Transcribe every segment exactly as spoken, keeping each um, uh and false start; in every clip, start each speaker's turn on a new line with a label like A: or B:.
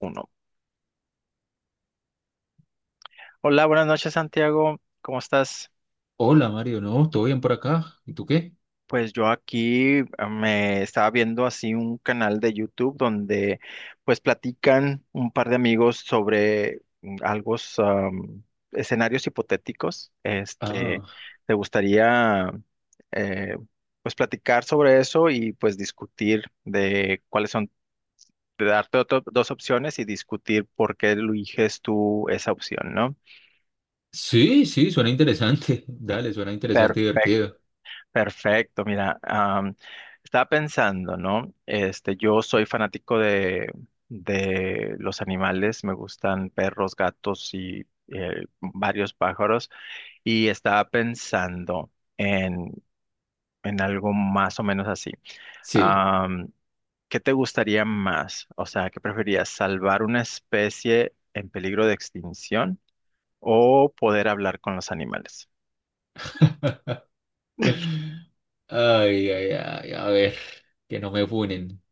A: Uno. Hola, buenas noches, Santiago. ¿Cómo estás?
B: Hola Mario, no, todo bien por acá. ¿Y tú qué?
A: Pues yo aquí eh, me estaba viendo así un canal de YouTube donde pues platican un par de amigos sobre mm, algo, um, escenarios hipotéticos. Este,
B: Ah,
A: ¿te gustaría eh, pues platicar sobre eso y pues discutir de cuáles son, de darte otro- dos opciones y discutir por qué eliges tú esa opción, ¿no?
B: sí, sí, suena interesante. Dale, suena interesante y
A: Perfecto.
B: divertido.
A: Perfecto, mira, am, estaba pensando, ¿no? Este, yo soy fanático de, de los animales, me gustan perros, gatos y eh, varios pájaros, y estaba pensando en, en algo más o menos así.
B: Sí.
A: Am, ¿Qué te gustaría más? O sea, ¿qué preferías: salvar una especie en peligro de extinción o poder hablar con los animales?
B: Ay, ay, ay, a ver, que no me funen.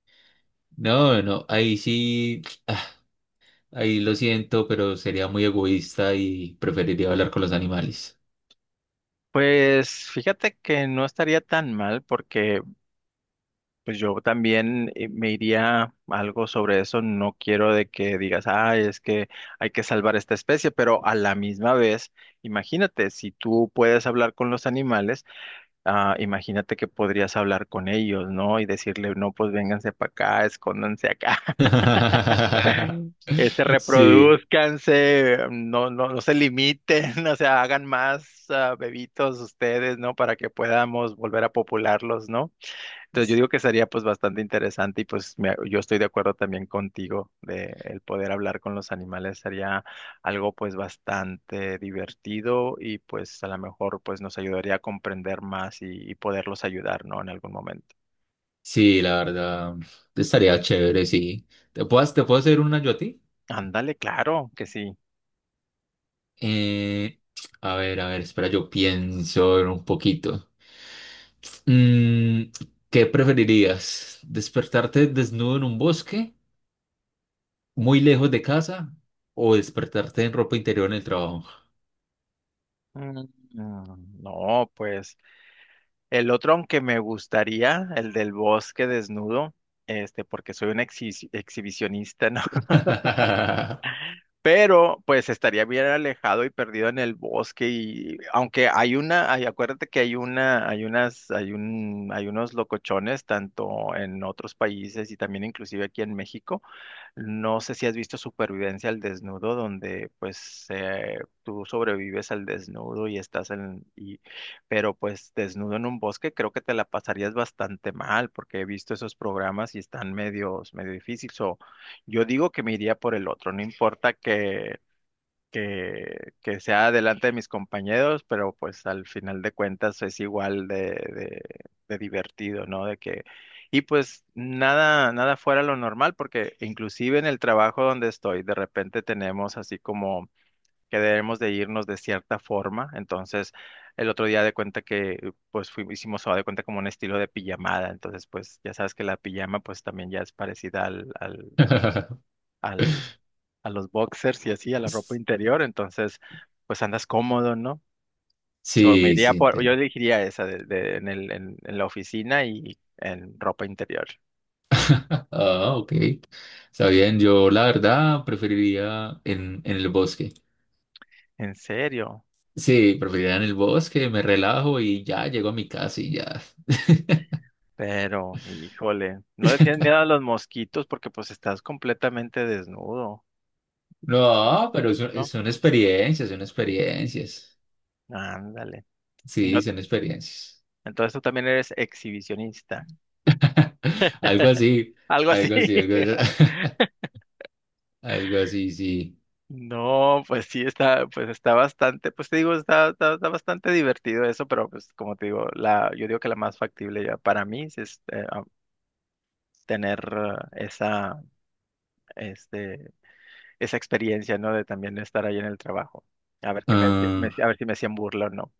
B: No, no, ahí sí, ahí lo siento, pero sería muy egoísta y preferiría hablar con los animales.
A: Pues fíjate que no estaría tan mal porque pues yo también eh, me iría algo sobre eso. No quiero de que digas, ah, es que hay que salvar esta especie, pero a la misma vez, imagínate, si tú puedes hablar con los animales, ah, imagínate que podrías hablar con ellos, ¿no? Y decirle, no, pues vénganse para acá, escóndanse acá, este,
B: Sí,
A: reproduzcanse, no, no, no se limiten, o sea, hagan más ah, bebitos ustedes, ¿no? Para que podamos volver a popularlos, ¿no? Entonces yo digo que sería pues bastante interesante y pues me- yo estoy de acuerdo también contigo de el poder hablar con los animales sería algo pues bastante divertido y pues a lo mejor pues nos ayudaría a comprender más y, y poderlos ayudar, ¿no? En algún momento.
B: sí, la verdad, estaría chévere, sí. ¿Te puedo, te puedo hacer una yo a ti?
A: Ándale, claro que sí.
B: Eh, a ver, a ver, espera, yo pienso un poquito. Mm, ¿Qué preferirías? ¿Despertarte desnudo en un bosque, muy lejos de casa, o despertarte en ropa interior en el trabajo?
A: Mm, mm, No, pues el otro aunque me gustaría, el del bosque desnudo, este, porque soy un exhi- exhibicionista ¿no? Pero pues estaría bien alejado y perdido en el bosque y aunque hay una, hay- acuérdate que hay una, hay unas, hay un, hay unos locochones tanto en otros países y también inclusive aquí en México. No sé si has visto Supervivencia al desnudo, donde pues eh, tú sobrevives al desnudo y estás en, y, pero pues desnudo en un bosque, creo que te la pasarías bastante mal, porque he visto esos programas y están medios, medio difíciles. O yo digo que me iría por el otro, no importa que, que sea delante de mis compañeros, pero pues al final de cuentas es igual de, de, de divertido, ¿no? De que, y pues nada, nada fuera lo normal, porque inclusive en el trabajo donde estoy, de repente tenemos así como que debemos de irnos de cierta forma, entonces el otro día de cuenta que pues fui- hicimos o de cuenta como un estilo de pijamada, entonces pues ya sabes que la pijama pues también ya es parecida al, al, a los boxers y así, a la ropa interior, entonces pues andas cómodo, ¿no? So, me
B: Sí,
A: iría
B: sí,
A: por, yo
B: te-
A: elegiría esa de, de- en el, en, en la oficina y en ropa interior.
B: Ah, ok. Está bien, yo la verdad preferiría en, en el bosque.
A: En serio,
B: Sí, preferiría en el bosque, me relajo y ya llego a mi casa y ya.
A: pero híjole, ¿no le tienes miedo a los mosquitos porque pues estás completamente desnudo? o-
B: No, pero son, eh,
A: ¿No?
B: son experiencias, son experiencias.
A: Ándale. Y no
B: Sí,
A: te-
B: son experiencias.
A: entonces tú también eres exhibicionista.
B: Algo así,
A: Algo así.
B: algo así, algo así, algo así, sí.
A: No, pues sí, está, pues está bastante, pues te digo, está, está, está bastante divertido eso, pero pues como te digo, la, yo digo que la más factible ya para mí sí es eh, ah, tener ah, esa, este, esa experiencia, ¿no? De también estar ahí en el trabajo. A ver qué me, decía- me decía- a
B: Ah,
A: ver si me hacían burla o no.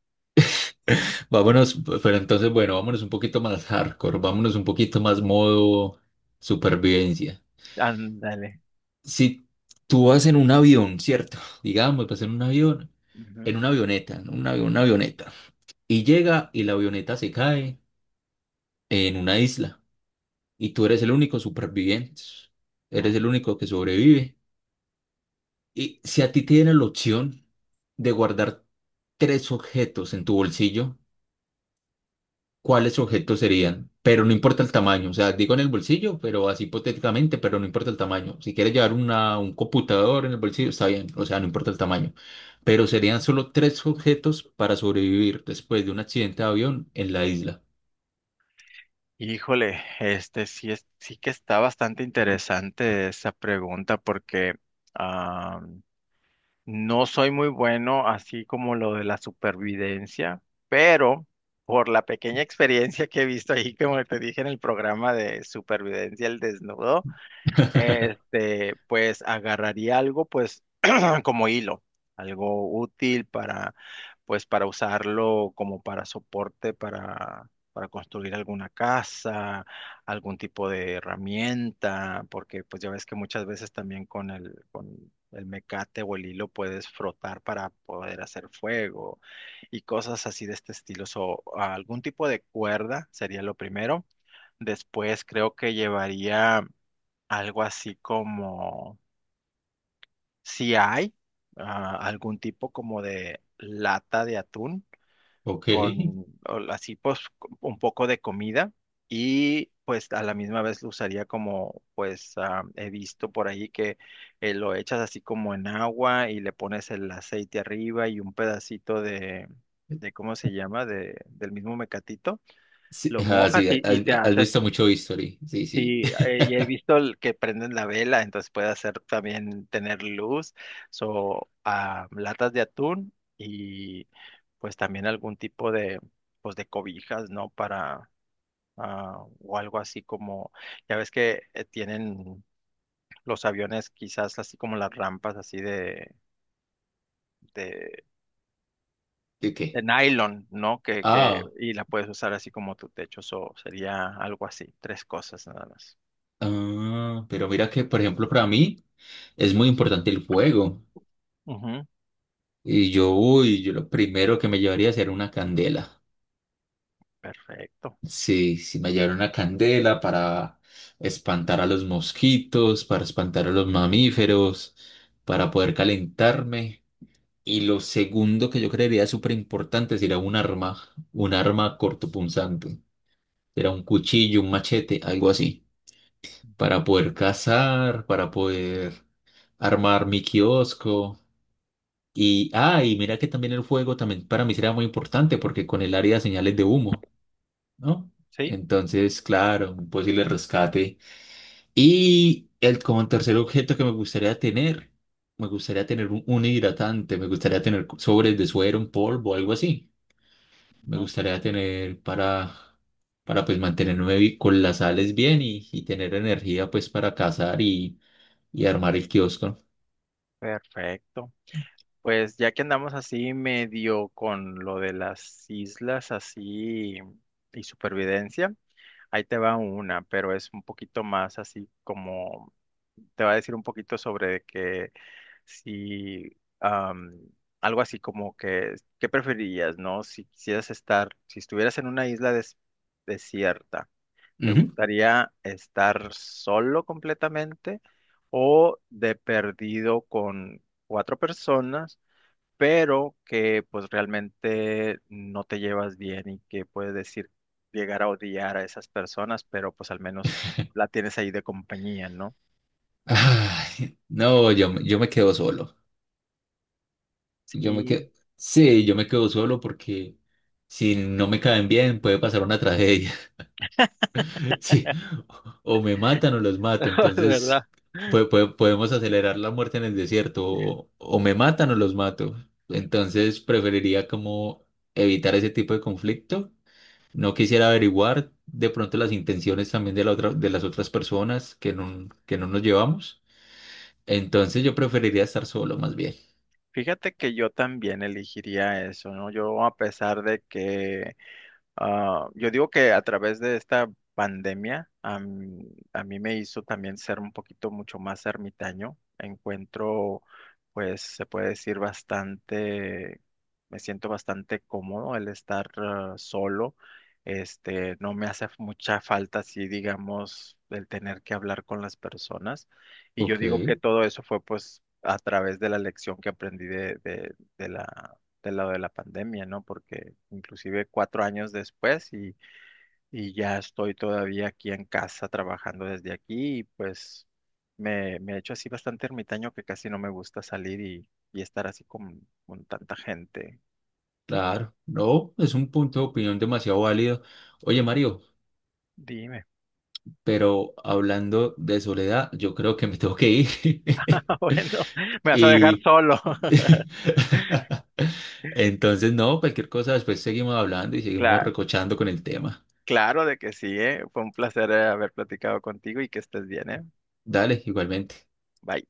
B: vámonos, pero entonces, bueno, vámonos un poquito más hardcore, vámonos un poquito más modo supervivencia.
A: Ándale.
B: Si tú vas en un avión, ¿cierto? Digamos, vas en un avión,
A: Ujú,
B: en una avioneta, en una, una avioneta, y llega y la avioneta se cae en una isla. Y tú eres el único superviviente, eres
A: ujú.
B: el único que sobrevive. Y si a ti te dieran la opción de guardar tres objetos en tu bolsillo, ¿cuáles objetos serían? Pero no importa el tamaño, o sea, digo en el bolsillo, pero así hipotéticamente, pero no importa el tamaño. Si quieres llevar una, un computador en el bolsillo, está bien, o sea, no importa el tamaño. Pero serían solo tres objetos para sobrevivir después de un accidente de avión en la isla.
A: Híjole, este sí es, sí que está bastante interesante esa pregunta porque no soy muy bueno así como lo de la supervivencia, pero por la pequeña experiencia que he visto ahí, como te dije en el programa de supervivencia al desnudo, este, pues agarraría algo, pues como hilo, algo útil para, pues, para usarlo como para soporte, para, para construir alguna casa, algún tipo de herramienta, porque pues ya ves que muchas veces también con el, con el mecate o el hilo puedes frotar para poder hacer fuego y cosas así de este estilo. O algún tipo de cuerda sería lo primero. Después creo que llevaría algo así como si hay ah, algún tipo como de lata de atún
B: Ok.
A: con o así pues co- un poco de comida, y pues a la misma vez lo usaría como pues ah, he visto por ahí que eh, lo echas así como en agua y le pones el aceite arriba y un pedacito de, de ¿cómo se llama? De, del mismo mecatito,
B: Sí,
A: lo
B: ah,
A: mojas
B: sí, has,
A: y, y te
B: has
A: haces.
B: visto mucho History. Sí, sí.
A: Sí, eh, ya he visto el que prenden la vela, entonces puede hacer también tener luz o latas de atún y pues también algún tipo de pues de cobijas, ¿no? Para ah, o algo así como ya ves que eh, tienen los aviones quizás así como las rampas así de de,
B: ¿De
A: de
B: qué?
A: nylon, ¿no? Que que
B: Ah,
A: y la puedes usar así como tu techo, so, sería algo así, tres cosas nada más.
B: ah, pero mira que, por ejemplo, para mí es muy importante el fuego.
A: Ujú,
B: Y yo, uy, yo lo primero que me llevaría sería una candela.
A: perfecto.
B: Sí, sí, me llevaría una candela para espantar a los mosquitos, para espantar a los mamíferos, para poder calentarme. Y lo segundo que yo creería súper importante sería un arma, un arma cortopunzante. Era un cuchillo, un machete, algo así.
A: Ujú.
B: Para poder cazar, para poder armar mi kiosco. Y, ah, y mira que también el fuego también para mí será muy importante porque con el área de señales de humo, ¿no?
A: Sí.
B: Entonces, claro, un posible rescate. Y el, como tercer objeto que me gustaría tener, me gustaría tener un, un hidratante, me gustaría tener sobres de suero en polvo, algo así. Me
A: Ujú.
B: gustaría tener para, para pues mantenerme bi- con las sales bien y, y tener energía pues para cazar y y armar el kiosco.
A: Perfecto. Pues ya que andamos así medio con lo de las islas así y supervivencia, ahí te va una, pero es un poquito más así como, te va a decir un poquito sobre que si, am, algo así como que, ¿qué preferirías, no? Si quisieras estar, si estuvieras en una isla des- desierta. ¿Te
B: Ujú.
A: gustaría estar solo completamente o de perdido con cuatro personas, pero que pues realmente no te llevas bien y que puedes decir llegar a odiar a esas personas, pero pues al menos la tienes ahí de compañía, ¿no?
B: Ay, no, yo, me- yo me quedo solo. Yo me quedo,
A: Sí,
B: sí, yo me quedo solo porque si no me caen bien puede pasar una tragedia. Sí, o me matan o los mato. Entonces pue- pue- podemos acelerar la muerte en el desierto. O, o me matan o los mato. Entonces preferiría como evitar ese tipo de conflicto. No quisiera averiguar de pronto las intenciones también de la otra, de las otras personas que no, que no nos llevamos. Entonces yo preferiría estar solo más bien.
A: fíjate que yo también elegiría eso, ¿no? Yo a pesar de que, ah, yo digo que a través de esta pandemia, a mí, a mí me hizo también ser un poquito mucho más ermitaño. Encuentro, pues se puede decir bastante, me siento bastante cómodo el estar ah, solo. Este, no me hace mucha falta, así digamos, el tener que hablar con las personas. Y yo
B: Ok,
A: digo que todo eso fue pues a través de la lección que aprendí de, de, de la, del lado de la pandemia, ¿no? Porque inclusive cuatro años después y, y ya estoy todavía aquí en casa trabajando desde aquí, y pues me, me he hecho así bastante ermitaño que casi no me gusta salir y, y estar así con, con tanta gente.
B: claro. No, es un punto de opinión demasiado válido. Oye, Mario,
A: Dime.
B: pero hablando de soledad, yo creo que me tengo que ir.
A: Ah, bueno, me vas a dejar
B: Y
A: solo.
B: entonces, no, cualquier cosa, después seguimos hablando y seguimos
A: Cla-
B: recochando con el tema.
A: claro de que sí, ¿eh? Fue un placer eh, haber platicado contigo y que estés bien, ¿eh?
B: Dale, igualmente.
A: Bye.